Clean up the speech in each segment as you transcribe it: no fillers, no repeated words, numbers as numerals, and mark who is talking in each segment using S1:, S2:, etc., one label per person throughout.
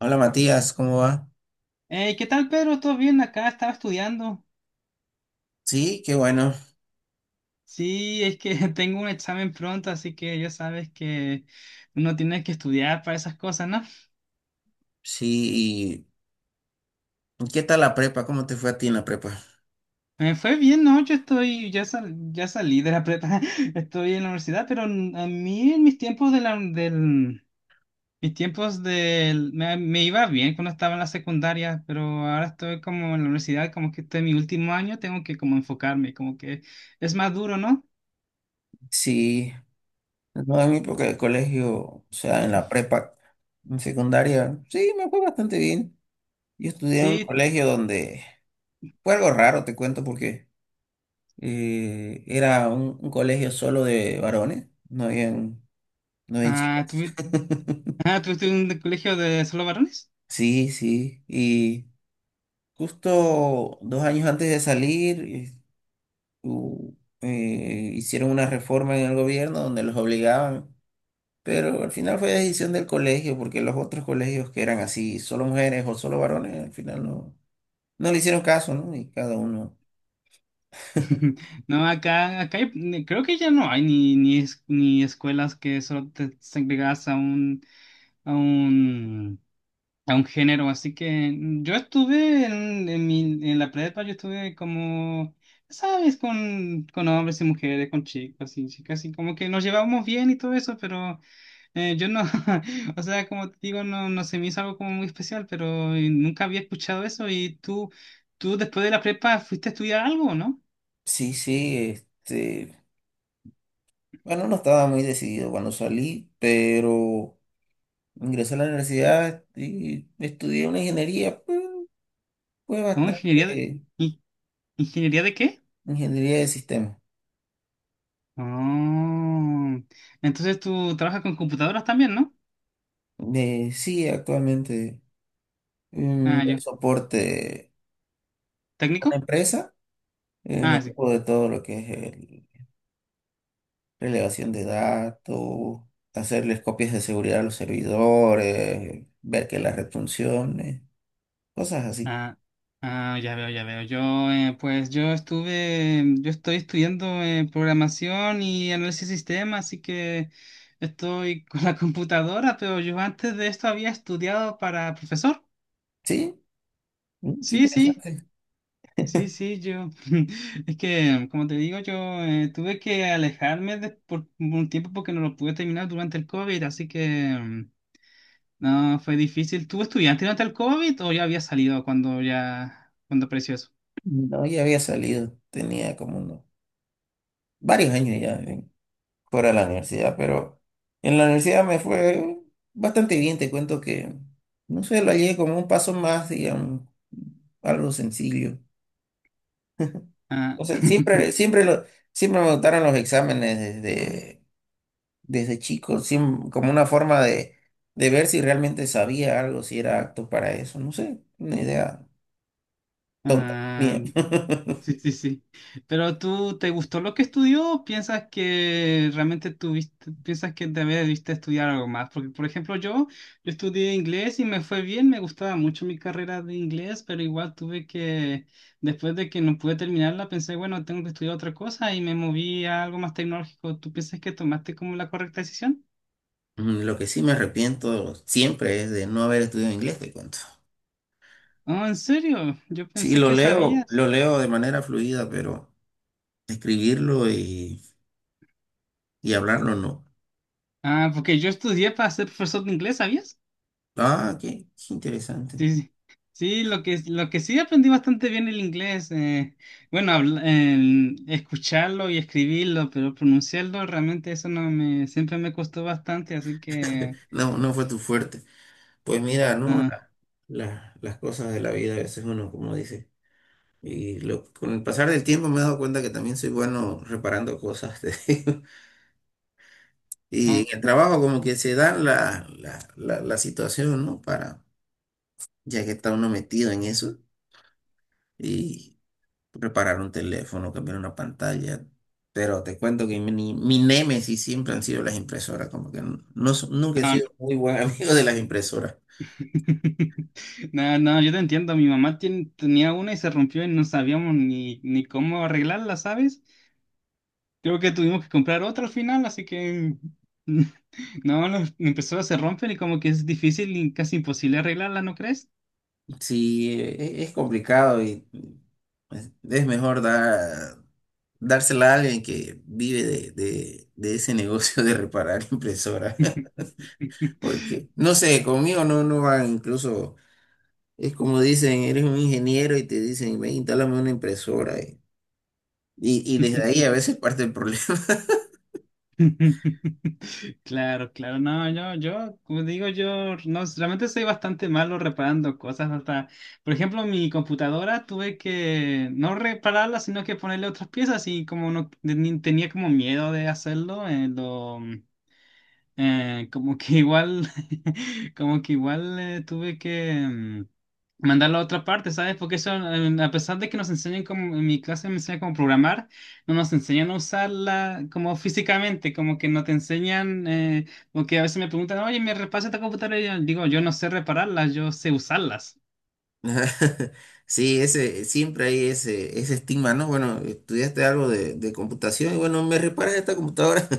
S1: Hola Matías, ¿cómo va?
S2: Hey, ¿qué tal, Pedro? ¿Todo bien? Acá estaba estudiando.
S1: Sí, qué bueno.
S2: Sí, es que tengo un examen pronto, así que ya sabes que uno tiene que estudiar para esas cosas, ¿no?
S1: Sí, ¿y qué tal la prepa? ¿Cómo te fue a ti en la prepa?
S2: Me fue bien, ¿no? Yo estoy, ya, ya salí de la prepa, estoy en la universidad, pero a mí en mis tiempos mis tiempos me iba bien cuando estaba en la secundaria, pero ahora estoy como en la universidad, como que estoy en mi último año, tengo que como enfocarme, como que es más duro, ¿no?
S1: Sí, no, en mi época de colegio, o sea, en la prepa, en secundaria, sí, me fue bastante bien. Yo estudié en un
S2: Sí.
S1: colegio donde fue algo raro, te cuento, porque era un colegio solo de varones, no habían
S2: Ah, ¿tú,
S1: chicas.
S2: Ah, ¿tú estuviste en un colegio de solo varones?
S1: Sí, sí, y justo 2 años antes de salir. u- Hicieron una reforma en el gobierno donde los obligaban, pero al final fue decisión del colegio, porque los otros colegios que eran así, solo mujeres o solo varones, al final no le hicieron caso, ¿no? Y cada uno,
S2: No, acá creo que ya no hay ni, ni escuelas que solo te segregas a un, a un, a un género. Así que yo estuve en la prepa, yo estuve como, ¿sabes? Con hombres y mujeres, con chicos y chicas, y como que nos llevábamos bien y todo eso, pero yo no, o sea, como te digo, no, no se me hizo algo como muy especial, pero nunca había escuchado eso. ¿Y tú después de la prepa fuiste a estudiar algo, no?
S1: sí, sí, bueno, no estaba muy decidido cuando salí, pero ingresé a la universidad y estudié una ingeniería, pues, fue
S2: ¿O ingeniería
S1: bastante
S2: in- ingeniería de qué?
S1: ingeniería de sistemas.
S2: Oh, entonces tú trabajas con computadoras también, ¿no?
S1: Sí, actualmente
S2: Ah,
S1: doy
S2: yo.
S1: soporte a
S2: ¿Técnico?
S1: una empresa. Me
S2: Ah, sí.
S1: ocupo de todo lo que es relevación de datos, hacerles copias de seguridad a los servidores, ver que las red funcione, cosas así.
S2: Ah, ah, ya veo, ya veo. Yo, pues yo estoy estudiando programación y análisis de sistemas, así que estoy con la computadora, pero yo antes de esto había estudiado para profesor.
S1: Sí, qué
S2: Sí, sí,
S1: interesante.
S2: sí, sí, yo. Es que, como te digo, yo tuve que alejarme por un tiempo porque no lo pude terminar durante el COVID, así que mm, no, fue difícil. ¿Tú estudiaste durante el COVID o ya había salido cuando apareció eso?
S1: No, ya había salido, tenía como varios años ya fuera de la universidad, pero en la universidad me fue bastante bien. Te cuento que, no sé, lo hallé como un paso más, digamos, algo sencillo.
S2: Ah.
S1: O sea, siempre, siempre lo. Siempre me gustaron los exámenes desde chico, como una forma de ver si realmente sabía algo, si era apto para eso, no sé, una idea tonta.
S2: Ah,
S1: Bien.
S2: sí, sí, sí. Pero tú, ¿te gustó lo que estudió o piensas que realmente piensas que también debiste estudiar algo más? Porque, por ejemplo, yo estudié inglés y me fue bien, me gustaba mucho mi carrera de inglés, pero igual tuve que, después de que no pude terminarla, pensé, bueno, tengo que estudiar otra cosa y me moví a algo más tecnológico. ¿Tú piensas que tomaste como la correcta decisión?
S1: Lo que sí me arrepiento siempre es de no haber estudiado inglés, te cuento.
S2: Oh, ¿en serio? Yo
S1: Sí,
S2: pensé que sabías.
S1: lo leo de manera fluida, pero escribirlo y hablarlo no.
S2: Ah, porque yo estudié para ser profesor de inglés, ¿sabías?
S1: Ah, qué interesante.
S2: Sí, sí, sí, lo que sí aprendí bastante bien el inglés, bueno, en escucharlo y escribirlo, pero pronunciarlo realmente eso no me, siempre me costó bastante, así que
S1: No, no fue tu fuerte. Pues mira, no,
S2: ah,
S1: las cosas de la vida a veces uno, como dice. Con el pasar del tiempo me he dado cuenta que también soy bueno reparando cosas, te digo. Y
S2: no,
S1: en el trabajo como que se da la situación, ¿no? Para, ya que está uno metido en eso, y reparar un teléfono, cambiar una pantalla. Pero te cuento que mi némesis siempre han sido las impresoras, como que no, nunca he
S2: no, no.
S1: sido muy buen amigo de las impresoras.
S2: No, no, yo te entiendo, mi mamá tenía una y se rompió y no sabíamos ni cómo arreglarla, ¿sabes? Creo que tuvimos que comprar otra al final, así que no, no, empezó a se romper y como que es difícil y casi imposible arreglarla, ¿no crees?
S1: Sí, es complicado y es mejor dar, dársela a alguien que vive de ese negocio de reparar impresoras. Porque, no sé, conmigo no, no van, incluso es como dicen, eres un ingeniero y te dicen, ven, instálame una impresora. Y desde ahí a veces parte el problema.
S2: Claro, claro, no, como digo, yo, no, realmente soy bastante malo reparando cosas, hasta, por ejemplo, mi computadora tuve que no repararla, sino que ponerle otras piezas y como no tenía como miedo de hacerlo, eh, como que igual, como que igual tuve que, mandarlo a otra parte, ¿sabes? Porque eso, a pesar de que nos enseñen en mi clase me enseñan cómo programar, no nos enseñan a usarla como físicamente, como que no te enseñan, porque a veces me preguntan, oye, ¿me repasa esta computadora? Y yo digo, yo no sé repararlas, yo sé usarlas.
S1: Sí, siempre hay ese estigma, ¿no? Bueno, estudiaste algo de computación y bueno, me reparas esta computadora.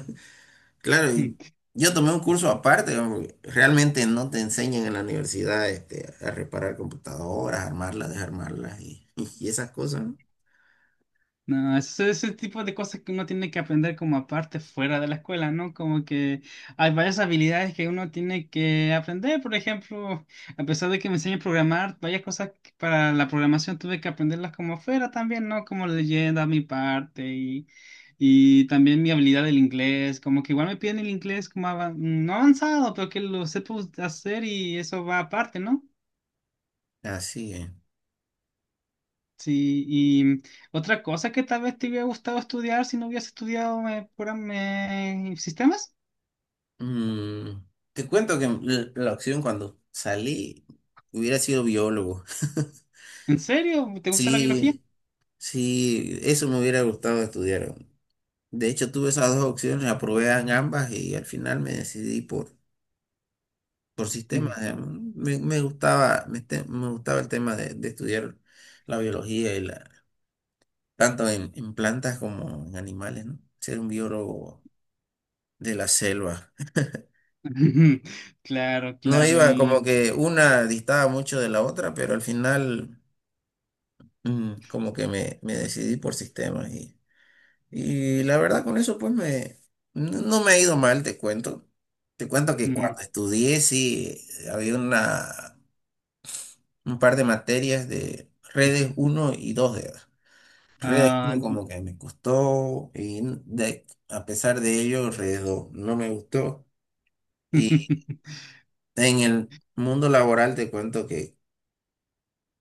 S1: Claro, y yo tomé un curso aparte, ¿no? Porque realmente no te enseñan en la universidad a reparar computadoras, armarlas, desarmarlas y esas cosas, ¿no?
S2: No, eso es ese tipo de cosas que uno tiene que aprender como aparte fuera de la escuela, ¿no? Como que hay varias habilidades que uno tiene que aprender, por ejemplo, a pesar de que me enseñen a programar, varias cosas que para la programación tuve que aprenderlas como fuera también, ¿no? Como leyenda, a mi parte y también mi habilidad del inglés, como que igual me piden el inglés como no avanzado, pero que lo sepa hacer y eso va aparte, ¿no?
S1: Así es.
S2: Sí, y otra cosa que tal vez te hubiera gustado estudiar si no hubieras estudiado me sistemas.
S1: Mm, te cuento que la opción cuando salí hubiera sido biólogo.
S2: ¿En serio? ¿Te gusta la biología?
S1: Sí, sí, eso me hubiera gustado estudiar. De hecho, tuve esas dos opciones, aprobé en ambas y al final me decidí por sistema.
S2: Mm.
S1: Me gustaba el tema de estudiar la biología tanto en plantas como en animales, ¿no? Ser un biólogo de la selva.
S2: Claro,
S1: No
S2: claro,
S1: iba como
S2: y...
S1: que una distaba mucho de la otra, pero al final como que me decidí por sistemas y la verdad con eso pues no me ha ido mal, te cuento. Te cuento que
S2: mm,
S1: cuando estudié sí había una un par de materias de redes uno y 2 de edad. Redes
S2: ah,
S1: uno como que me costó a pesar de ello, redes 2 no me gustó. Y en el mundo laboral te cuento que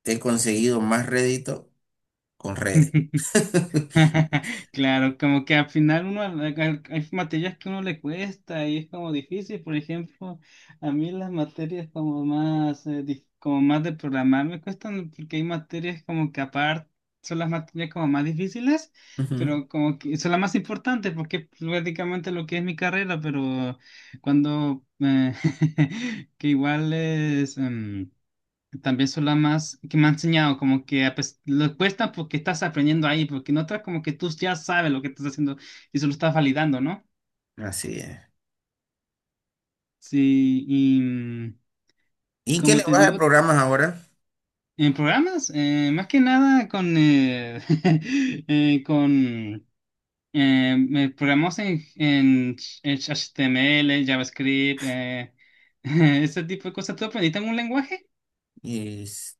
S1: he conseguido más rédito con redes.
S2: Claro, como que al final uno hay materias que uno le cuesta y es como difícil. Por ejemplo, a mí las materias como más como más de programar me cuestan porque hay materias como que aparte son las materias como más difíciles,
S1: Ujú.
S2: pero como que son las más importantes porque es prácticamente lo que es mi carrera, pero cuando que igual es también son las más que me han enseñado, como que ah, pues, lo cuesta porque estás aprendiendo ahí, porque en otras como que tú ya sabes lo que estás haciendo y solo estás validando, ¿no?
S1: Así es.
S2: Sí,
S1: ¿Y
S2: y
S1: en qué
S2: como te
S1: lenguaje
S2: digo,
S1: programas ahora?
S2: en programas, más que nada con me programamos en HTML, JavaScript, ese tipo de cosas. ¿Tú aprendiste algún lenguaje?
S1: Es-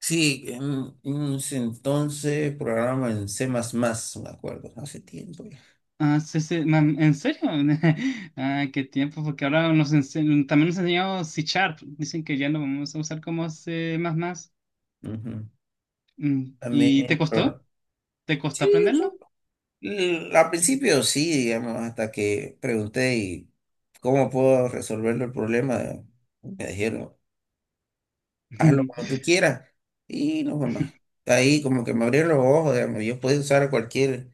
S1: sí, en ese entonces programa en C++, me acuerdo, hace tiempo ya.
S2: Ah, sí, sí, ¿en serio? Ah, qué tiempo, porque ahora también nos enseñó C Sharp. Dicen que ya lo vamos a usar como C++.
S1: Ujú.
S2: ¿Y
S1: También,
S2: te costó?
S1: pro-
S2: ¿Te costó
S1: sí,
S2: aprenderlo?
S1: Al principio sí, digamos, hasta que pregunté y cómo puedo resolverlo el problema, me dijeron, hazlo como tú quieras y no fue más. Ahí como que me abrieron los ojos, digamos, yo podía usar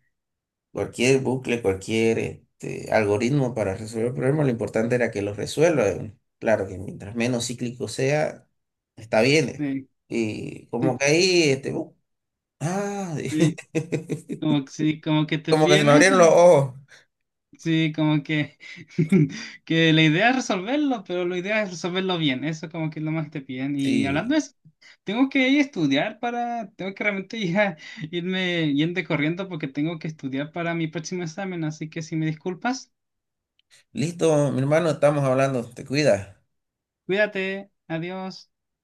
S1: cualquier bucle, cualquier este, algoritmo para resolver el problema, lo importante era que lo resuelva, digamos. Claro que mientras menos cíclico sea, está bien.
S2: Sí,
S1: Y como
S2: sí,
S1: que ahí, ah,
S2: sí, Sí, como que te
S1: como que se me
S2: piden eso.
S1: abrieron los ojos.
S2: Sí, que la idea es resolverlo, pero la idea es resolverlo bien. Eso como que es lo más que te piden. Y hablando
S1: Sí.
S2: de eso, tengo que ir a estudiar para, tengo que realmente ya irme yendo corriendo porque tengo que estudiar para mi próximo examen. Así que si me disculpas,
S1: Listo, mi hermano, estamos hablando. Te cuidas.
S2: cuídate, adiós.